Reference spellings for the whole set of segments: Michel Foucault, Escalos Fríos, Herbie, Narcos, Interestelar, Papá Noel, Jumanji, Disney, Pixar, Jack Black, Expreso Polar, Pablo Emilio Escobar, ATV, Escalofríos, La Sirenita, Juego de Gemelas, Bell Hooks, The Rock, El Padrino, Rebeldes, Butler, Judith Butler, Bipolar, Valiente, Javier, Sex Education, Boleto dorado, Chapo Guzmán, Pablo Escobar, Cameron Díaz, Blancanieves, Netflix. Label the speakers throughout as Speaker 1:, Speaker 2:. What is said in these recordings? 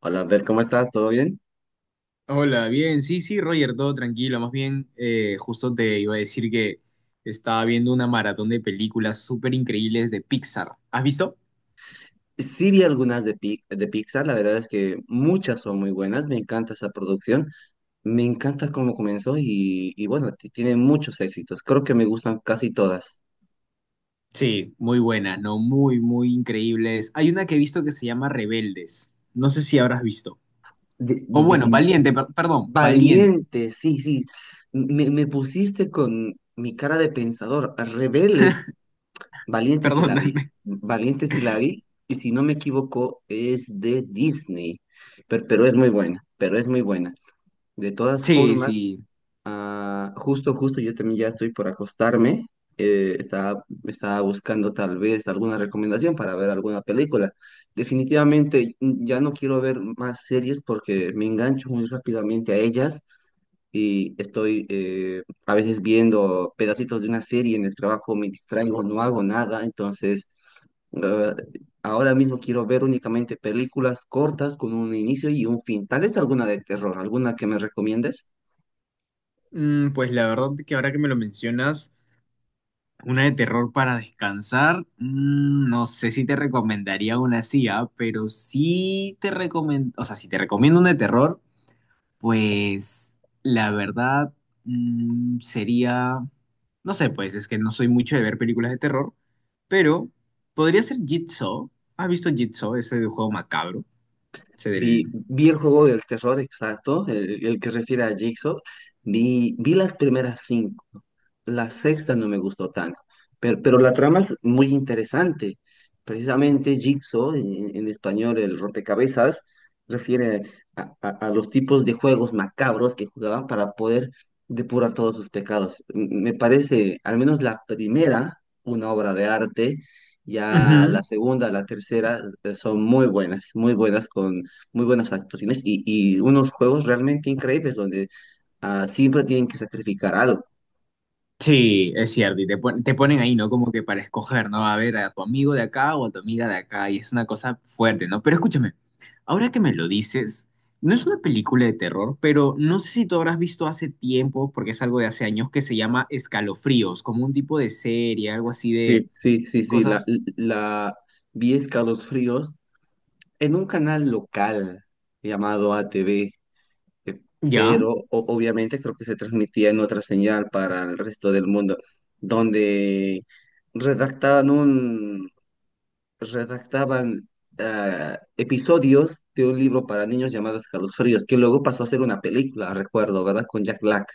Speaker 1: Hola, Bert, ¿cómo estás? ¿Todo bien?
Speaker 2: Hola, bien, sí, sí, Roger, todo tranquilo. Más bien, justo te iba a decir que estaba viendo una maratón de películas súper increíbles de Pixar. ¿Has visto?
Speaker 1: Sí vi algunas de, de Pixar, la verdad es que muchas son muy buenas, me encanta esa producción, me encanta cómo comenzó y bueno, tiene muchos éxitos, creo que me gustan casi todas.
Speaker 2: Sí, muy buenas, ¿no? Muy, muy increíbles. Hay una que he visto que se llama Rebeldes. No sé si habrás visto.
Speaker 1: De-
Speaker 2: O bueno,
Speaker 1: defin-
Speaker 2: Valiente, perdón, Valiente,
Speaker 1: Valiente, sí, sí, me pusiste con mi cara de pensador, rebelde, Valiente sí la vi,
Speaker 2: perdóname.
Speaker 1: Valiente sí la vi, y si no me equivoco es de Disney, pero es muy buena, pero es muy buena. De todas
Speaker 2: Sí,
Speaker 1: formas.
Speaker 2: sí.
Speaker 1: Ah, justo, justo, yo también ya estoy por acostarme. Estaba buscando tal vez alguna recomendación para ver alguna película. Definitivamente ya no quiero ver más series porque me engancho muy rápidamente a ellas y estoy a veces viendo pedacitos de una serie en el trabajo, me distraigo, no hago nada. Entonces, eh, ahora mismo quiero ver únicamente películas cortas con un inicio y un fin. Tal vez alguna de terror, alguna que me recomiendes.
Speaker 2: Pues la verdad que ahora que me lo mencionas. Una de terror para descansar. No sé si te recomendaría una así, pero sí te recomiendo, o sea, si te recomiendo una de terror, pues la verdad sería, no sé, pues es que no soy mucho de ver películas de terror, pero podría ser Jigsaw. ¿Has visto Jigsaw? Ese de juego macabro, ese del...
Speaker 1: Vi el juego del terror exacto, el que refiere a Jigsaw. Vi las primeras 5. La sexta no me gustó tanto, pero la trama es muy interesante. Precisamente Jigsaw, en español el rompecabezas, refiere a, a los tipos de juegos macabros que jugaban para poder depurar todos sus pecados. Me parece, al menos la primera, una obra de arte. Ya la
Speaker 2: Ujú.
Speaker 1: segunda, la tercera son muy buenas, muy buenas actuaciones y unos juegos realmente increíbles donde siempre tienen que sacrificar algo.
Speaker 2: Sí, es cierto, y te, te ponen ahí, ¿no? Como que para escoger, ¿no? A ver, a tu amigo de acá o a tu amiga de acá, y es una cosa fuerte, ¿no? Pero escúchame, ahora que me lo dices, no es una película de terror, pero no sé si tú habrás visto hace tiempo, porque es algo de hace años, que se llama Escalofríos, como un tipo de serie, algo así de
Speaker 1: Sí, sí, sí, sí.
Speaker 2: cosas,
Speaker 1: La vi Escalos Fríos en un canal local llamado ATV, eh,
Speaker 2: ¿ya?
Speaker 1: pero obviamente creo que se transmitía en otra señal para el resto del mundo, donde redactaban un, redactaban episodios de un libro para niños llamado Escalos Fríos, que luego pasó a ser una película, recuerdo, ¿verdad? Con Jack Black.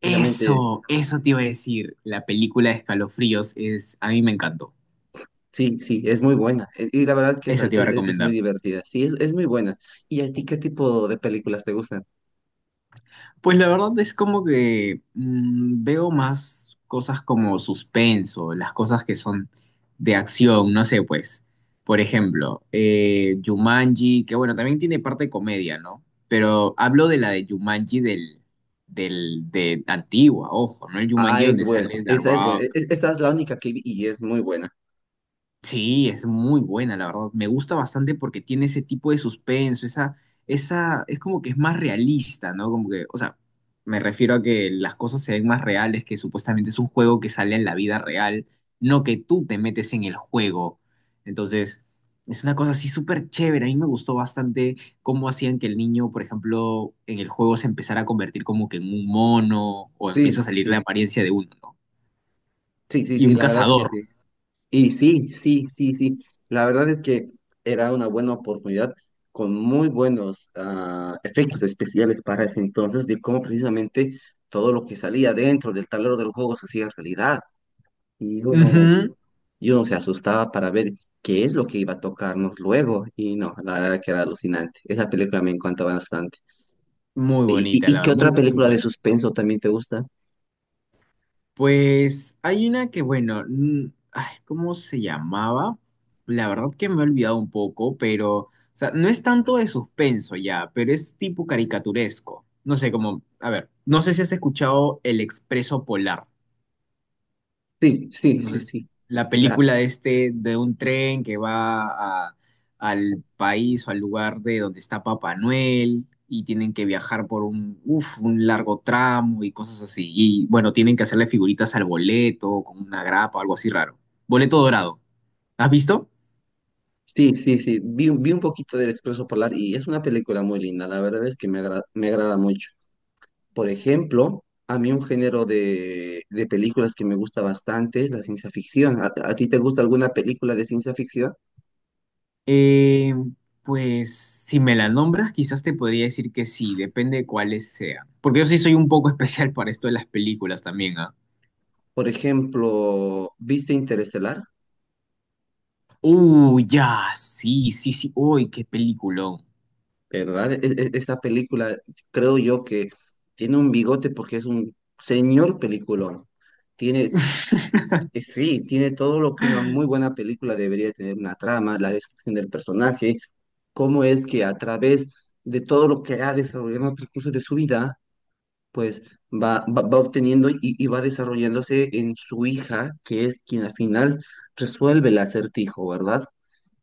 Speaker 1: Precisamente,
Speaker 2: Eso te iba a decir, la película de Escalofríos es, a mí me encantó,
Speaker 1: sí, sí, es muy buena. Y la verdad es que es,
Speaker 2: esa te iba a
Speaker 1: es muy
Speaker 2: recomendar.
Speaker 1: divertida. Sí, es muy buena. ¿Y a ti qué tipo de películas te gustan?
Speaker 2: Pues la verdad es como que veo más cosas como suspenso, las cosas que son de acción, no sé, pues, por ejemplo, Jumanji, que bueno, también tiene parte de comedia, ¿no? Pero hablo de la de Jumanji de antigua, ojo, ¿no? El
Speaker 1: Ah,
Speaker 2: Jumanji
Speaker 1: es
Speaker 2: donde
Speaker 1: buena.
Speaker 2: sale The
Speaker 1: Esa es buena.
Speaker 2: Rock.
Speaker 1: Esta es la única que vi y es muy buena.
Speaker 2: Sí, es muy buena, la verdad. Me gusta bastante porque tiene ese tipo de suspenso, esa, es como que es más realista, ¿no? Como que, o sea, me refiero a que las cosas se ven más reales, que supuestamente es un juego que sale en la vida real, no que tú te metes en el juego. Entonces, es una cosa así súper chévere. A mí me gustó bastante cómo hacían que el niño, por ejemplo, en el juego se empezara a convertir como que en un mono o empieza a
Speaker 1: Sí,
Speaker 2: salir la
Speaker 1: sí,
Speaker 2: apariencia de uno, ¿no?
Speaker 1: sí, sí,
Speaker 2: Y
Speaker 1: sí,
Speaker 2: un
Speaker 1: la verdad que
Speaker 2: cazador.
Speaker 1: sí. Y sí, sí, sí, sí. La verdad es que era una buena oportunidad con muy buenos efectos especiales para ese entonces de cómo precisamente todo lo que salía dentro del tablero del juego se hacía realidad. Y uno
Speaker 2: Ujú.
Speaker 1: Y uno se asustaba para ver qué es lo que iba a tocarnos luego. Y no, la verdad que era alucinante. Esa película me encanta bastante.
Speaker 2: Muy bonita,
Speaker 1: Y
Speaker 2: la
Speaker 1: qué
Speaker 2: verdad, muy,
Speaker 1: otra
Speaker 2: muy
Speaker 1: película de
Speaker 2: buena.
Speaker 1: suspenso también te gusta?
Speaker 2: Pues hay una que, bueno, ay, ¿cómo se llamaba? La verdad que me he olvidado un poco, pero, o sea, no es tanto de suspenso ya, pero es tipo caricaturesco. No sé, como, a ver, no sé si has escuchado El Expreso Polar.
Speaker 1: Sí, sí,
Speaker 2: No
Speaker 1: sí,
Speaker 2: sé,
Speaker 1: sí.
Speaker 2: la
Speaker 1: La,
Speaker 2: película de este, de un tren que al país o al lugar de donde está Papá Noel y tienen que viajar por un, uf, un largo tramo y cosas así. Y bueno, tienen que hacerle figuritas al boleto con una grapa o algo así raro. Boleto dorado. ¿Has visto?
Speaker 1: sí, sí, sí. Vi un poquito del Expreso Polar y es una película muy linda. La verdad es que me agrada mucho. Por ejemplo, a mí un género de películas que me gusta bastante es la ciencia ficción. A ti te gusta alguna película de ciencia ficción?
Speaker 2: Eh, pues si me la nombras, quizás te podría decir que sí, depende de cuáles sean. Porque yo sí soy un poco especial para esto de las películas también, ¿ah?
Speaker 1: Por ejemplo, ¿viste Interestelar?
Speaker 2: Ya, sí, sí, sí. Uy, qué peliculón.
Speaker 1: ¿Verdad? Esta película, creo yo que tiene un bigote porque es un señor peliculón. Tiene, sí, tiene todo lo que una muy buena película debería tener, una trama, la descripción del personaje, cómo es que a través de todo lo que ha desarrollado en el transcurso de su vida, pues va obteniendo y va desarrollándose en su hija, que es quien al final resuelve el acertijo, ¿verdad?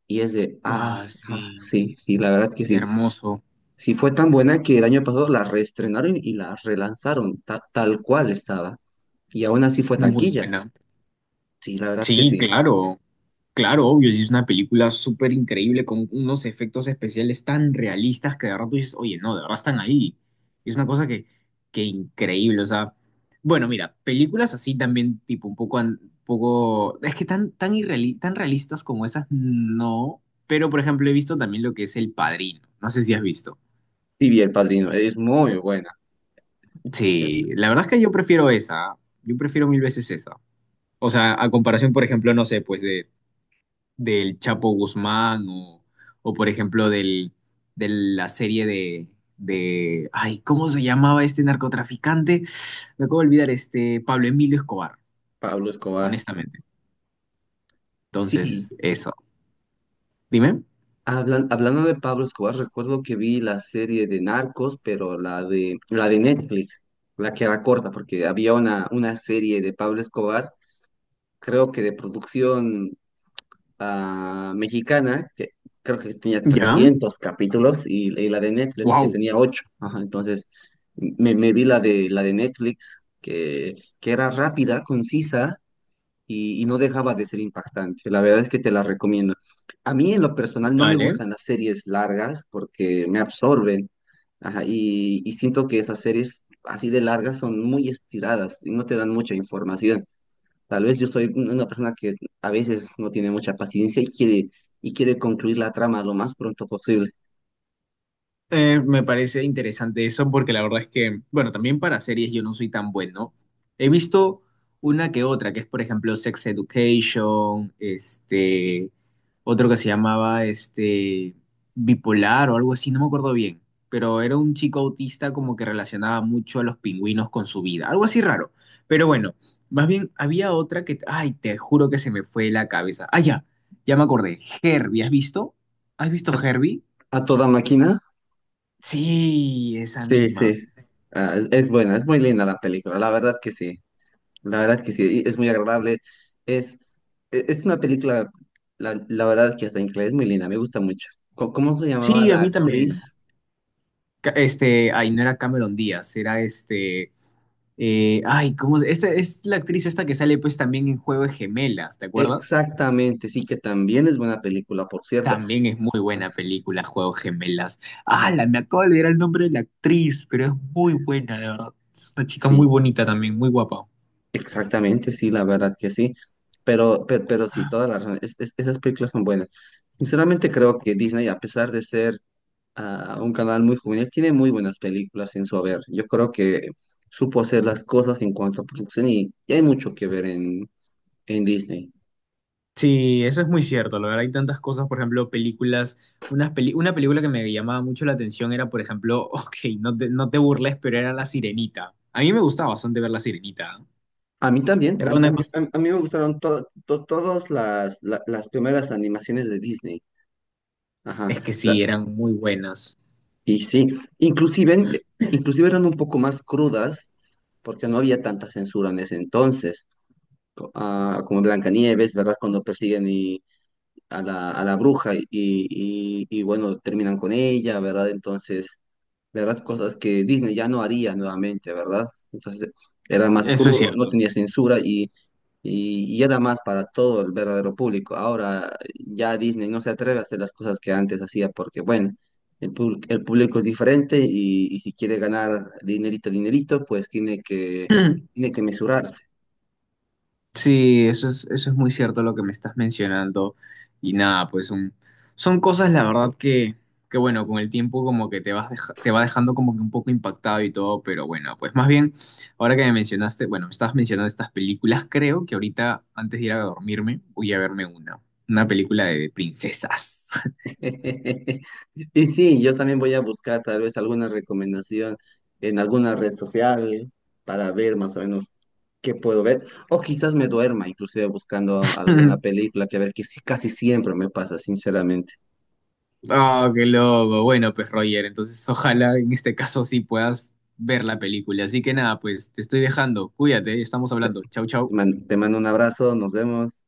Speaker 1: Y es de,
Speaker 2: Ah, sí,
Speaker 1: sí, sí, la verdad que sí.
Speaker 2: hermoso,
Speaker 1: Sí, fue tan buena que el año pasado la reestrenaron y la relanzaron tal cual estaba. Y aún así fue
Speaker 2: muy
Speaker 1: taquilla.
Speaker 2: buena.
Speaker 1: Sí, la verdad que
Speaker 2: Sí,
Speaker 1: sí.
Speaker 2: claro, claro, obvio, sí, es una película súper increíble con unos efectos especiales tan realistas que de verdad tú dices, oye, no, de verdad están ahí. Es una cosa que increíble, o sea, bueno, mira, películas así también, tipo, un poco, poco, es que tan, tan, tan realistas como esas, no, pero por ejemplo he visto también lo que es El Padrino, no sé si has visto.
Speaker 1: Sí, vi El Padrino. Es muy buena. eh,
Speaker 2: Sí, la verdad es que yo prefiero esa. Yo prefiero mil veces esa. O sea, a comparación, por ejemplo, no sé, pues de, del Chapo Guzmán o por ejemplo, del, de la serie de... Ay, ¿cómo se llamaba este narcotraficante? Me acabo de olvidar, este Pablo Emilio Escobar,
Speaker 1: Pablo Escobar.
Speaker 2: honestamente.
Speaker 1: Sí,
Speaker 2: Entonces, eso. Dime.
Speaker 1: hablando de Pablo Escobar, recuerdo que vi la serie de Narcos, pero la de Netflix, la que era corta, porque había una serie de Pablo Escobar, creo que de producción mexicana, que creo que tenía
Speaker 2: Ya.
Speaker 1: 300 capítulos, y la de Netflix, que
Speaker 2: Wow.
Speaker 1: tenía 8. Ajá, entonces, me vi la de Netflix, que era rápida, concisa, y no dejaba de ser impactante. La verdad es que te la recomiendo. A mí, en lo personal, no me
Speaker 2: Dale.
Speaker 1: gustan las series largas porque me absorben. Ajá, y siento que esas series así de largas son muy estiradas y no te dan mucha información. Tal vez yo soy una persona que a veces no tiene mucha paciencia y quiere concluir la trama lo más pronto posible.
Speaker 2: Me parece interesante eso porque la verdad es que, bueno, también para series yo no soy tan bueno. He visto una que otra, que es por ejemplo Sex Education, este, otro que se llamaba este, Bipolar o algo así, no me acuerdo bien, pero era un chico autista como que relacionaba mucho a los pingüinos con su vida, algo así raro. Pero bueno, más bien había otra que, ay, te juro que se me fue la cabeza. Ah, ya, ya me acordé. Herbie, ¿has visto? ¿Has visto
Speaker 1: ¿A,
Speaker 2: Herbie?
Speaker 1: a toda máquina?
Speaker 2: Sí, esa
Speaker 1: Sí,
Speaker 2: misma.
Speaker 1: sí. Ah, es buena, es muy linda la película, la verdad que sí, la verdad que sí, y es muy agradable. Es, es una película, la verdad que hasta en inglés es muy linda, me gusta mucho. ¿Cómo se llamaba
Speaker 2: Sí, a
Speaker 1: la
Speaker 2: mí también.
Speaker 1: actriz?
Speaker 2: Este, ay, no era Cameron Díaz, era este, ay, ¿cómo se- Esta es la actriz esta que sale pues también en Juego de Gemelas, ¿te acuerdas?
Speaker 1: Exactamente, sí, que también es buena película, por cierto.
Speaker 2: También es muy
Speaker 1: Ah,
Speaker 2: buena película, Juego de Gemelas. Ah,
Speaker 1: ajá,
Speaker 2: la me acabo de olvidar el nombre de la actriz, pero es muy buena, de verdad. Es una chica muy
Speaker 1: sí.
Speaker 2: bonita también, muy guapa.
Speaker 1: Exactamente, sí, la verdad que sí, pero sí, toda la razón, esas películas son buenas. Sinceramente creo que Disney, a pesar de ser un canal muy juvenil, tiene muy buenas películas en su haber. Yo creo que supo hacer las cosas en cuanto a producción y hay mucho que ver en Disney.
Speaker 2: Sí, eso es muy cierto. La verdad, hay tantas cosas, por ejemplo, películas. Una película que me llamaba mucho la atención era, por ejemplo, ok, no te burles, pero era La Sirenita. A mí me gustaba bastante ver La Sirenita.
Speaker 1: A mí también,
Speaker 2: Era una cosa.
Speaker 1: a mí me gustaron todas las, las primeras animaciones de Disney. Ajá,
Speaker 2: Es que
Speaker 1: la-
Speaker 2: sí, eran muy buenas.
Speaker 1: y sí, inclusive, inclusive eran un poco más crudas porque no había tanta censura en ese entonces, como en Blancanieves, ¿verdad? Cuando persiguen y a la bruja y bueno, terminan con ella, ¿verdad? Entonces, ¿verdad? Cosas que Disney ya no haría nuevamente, ¿verdad? Entonces, era más
Speaker 2: Eso es
Speaker 1: crudo, no
Speaker 2: cierto.
Speaker 1: tenía censura y era más para todo el verdadero público. Ahora ya Disney no se atreve a hacer las cosas que antes hacía porque, bueno, el público es diferente y si quiere ganar dinerito, dinerito, pues tiene que mesurarse.
Speaker 2: Sí, eso es muy cierto lo que me estás mencionando. Y nada, pues son, son cosas, la verdad, que bueno, con el tiempo como que te vas te va dejando como que un poco impactado y todo, pero bueno, pues más bien, ahora que me mencionaste, bueno, me estabas mencionando estas películas, creo que ahorita, antes de ir a dormirme, voy a verme una película de princesas.
Speaker 1: Y sí, yo también voy a buscar tal vez alguna recomendación en alguna red social para ver más o menos qué puedo ver. O quizás me duerma, inclusive buscando alguna película que a ver, que sí, casi siempre me pasa, sinceramente.
Speaker 2: Oh, qué loco. Bueno, pues Roger, entonces ojalá en este caso sí puedas ver la película. Así que nada, pues te estoy dejando. Cuídate, estamos hablando. Chau, chau.
Speaker 1: Te mando un abrazo, nos vemos.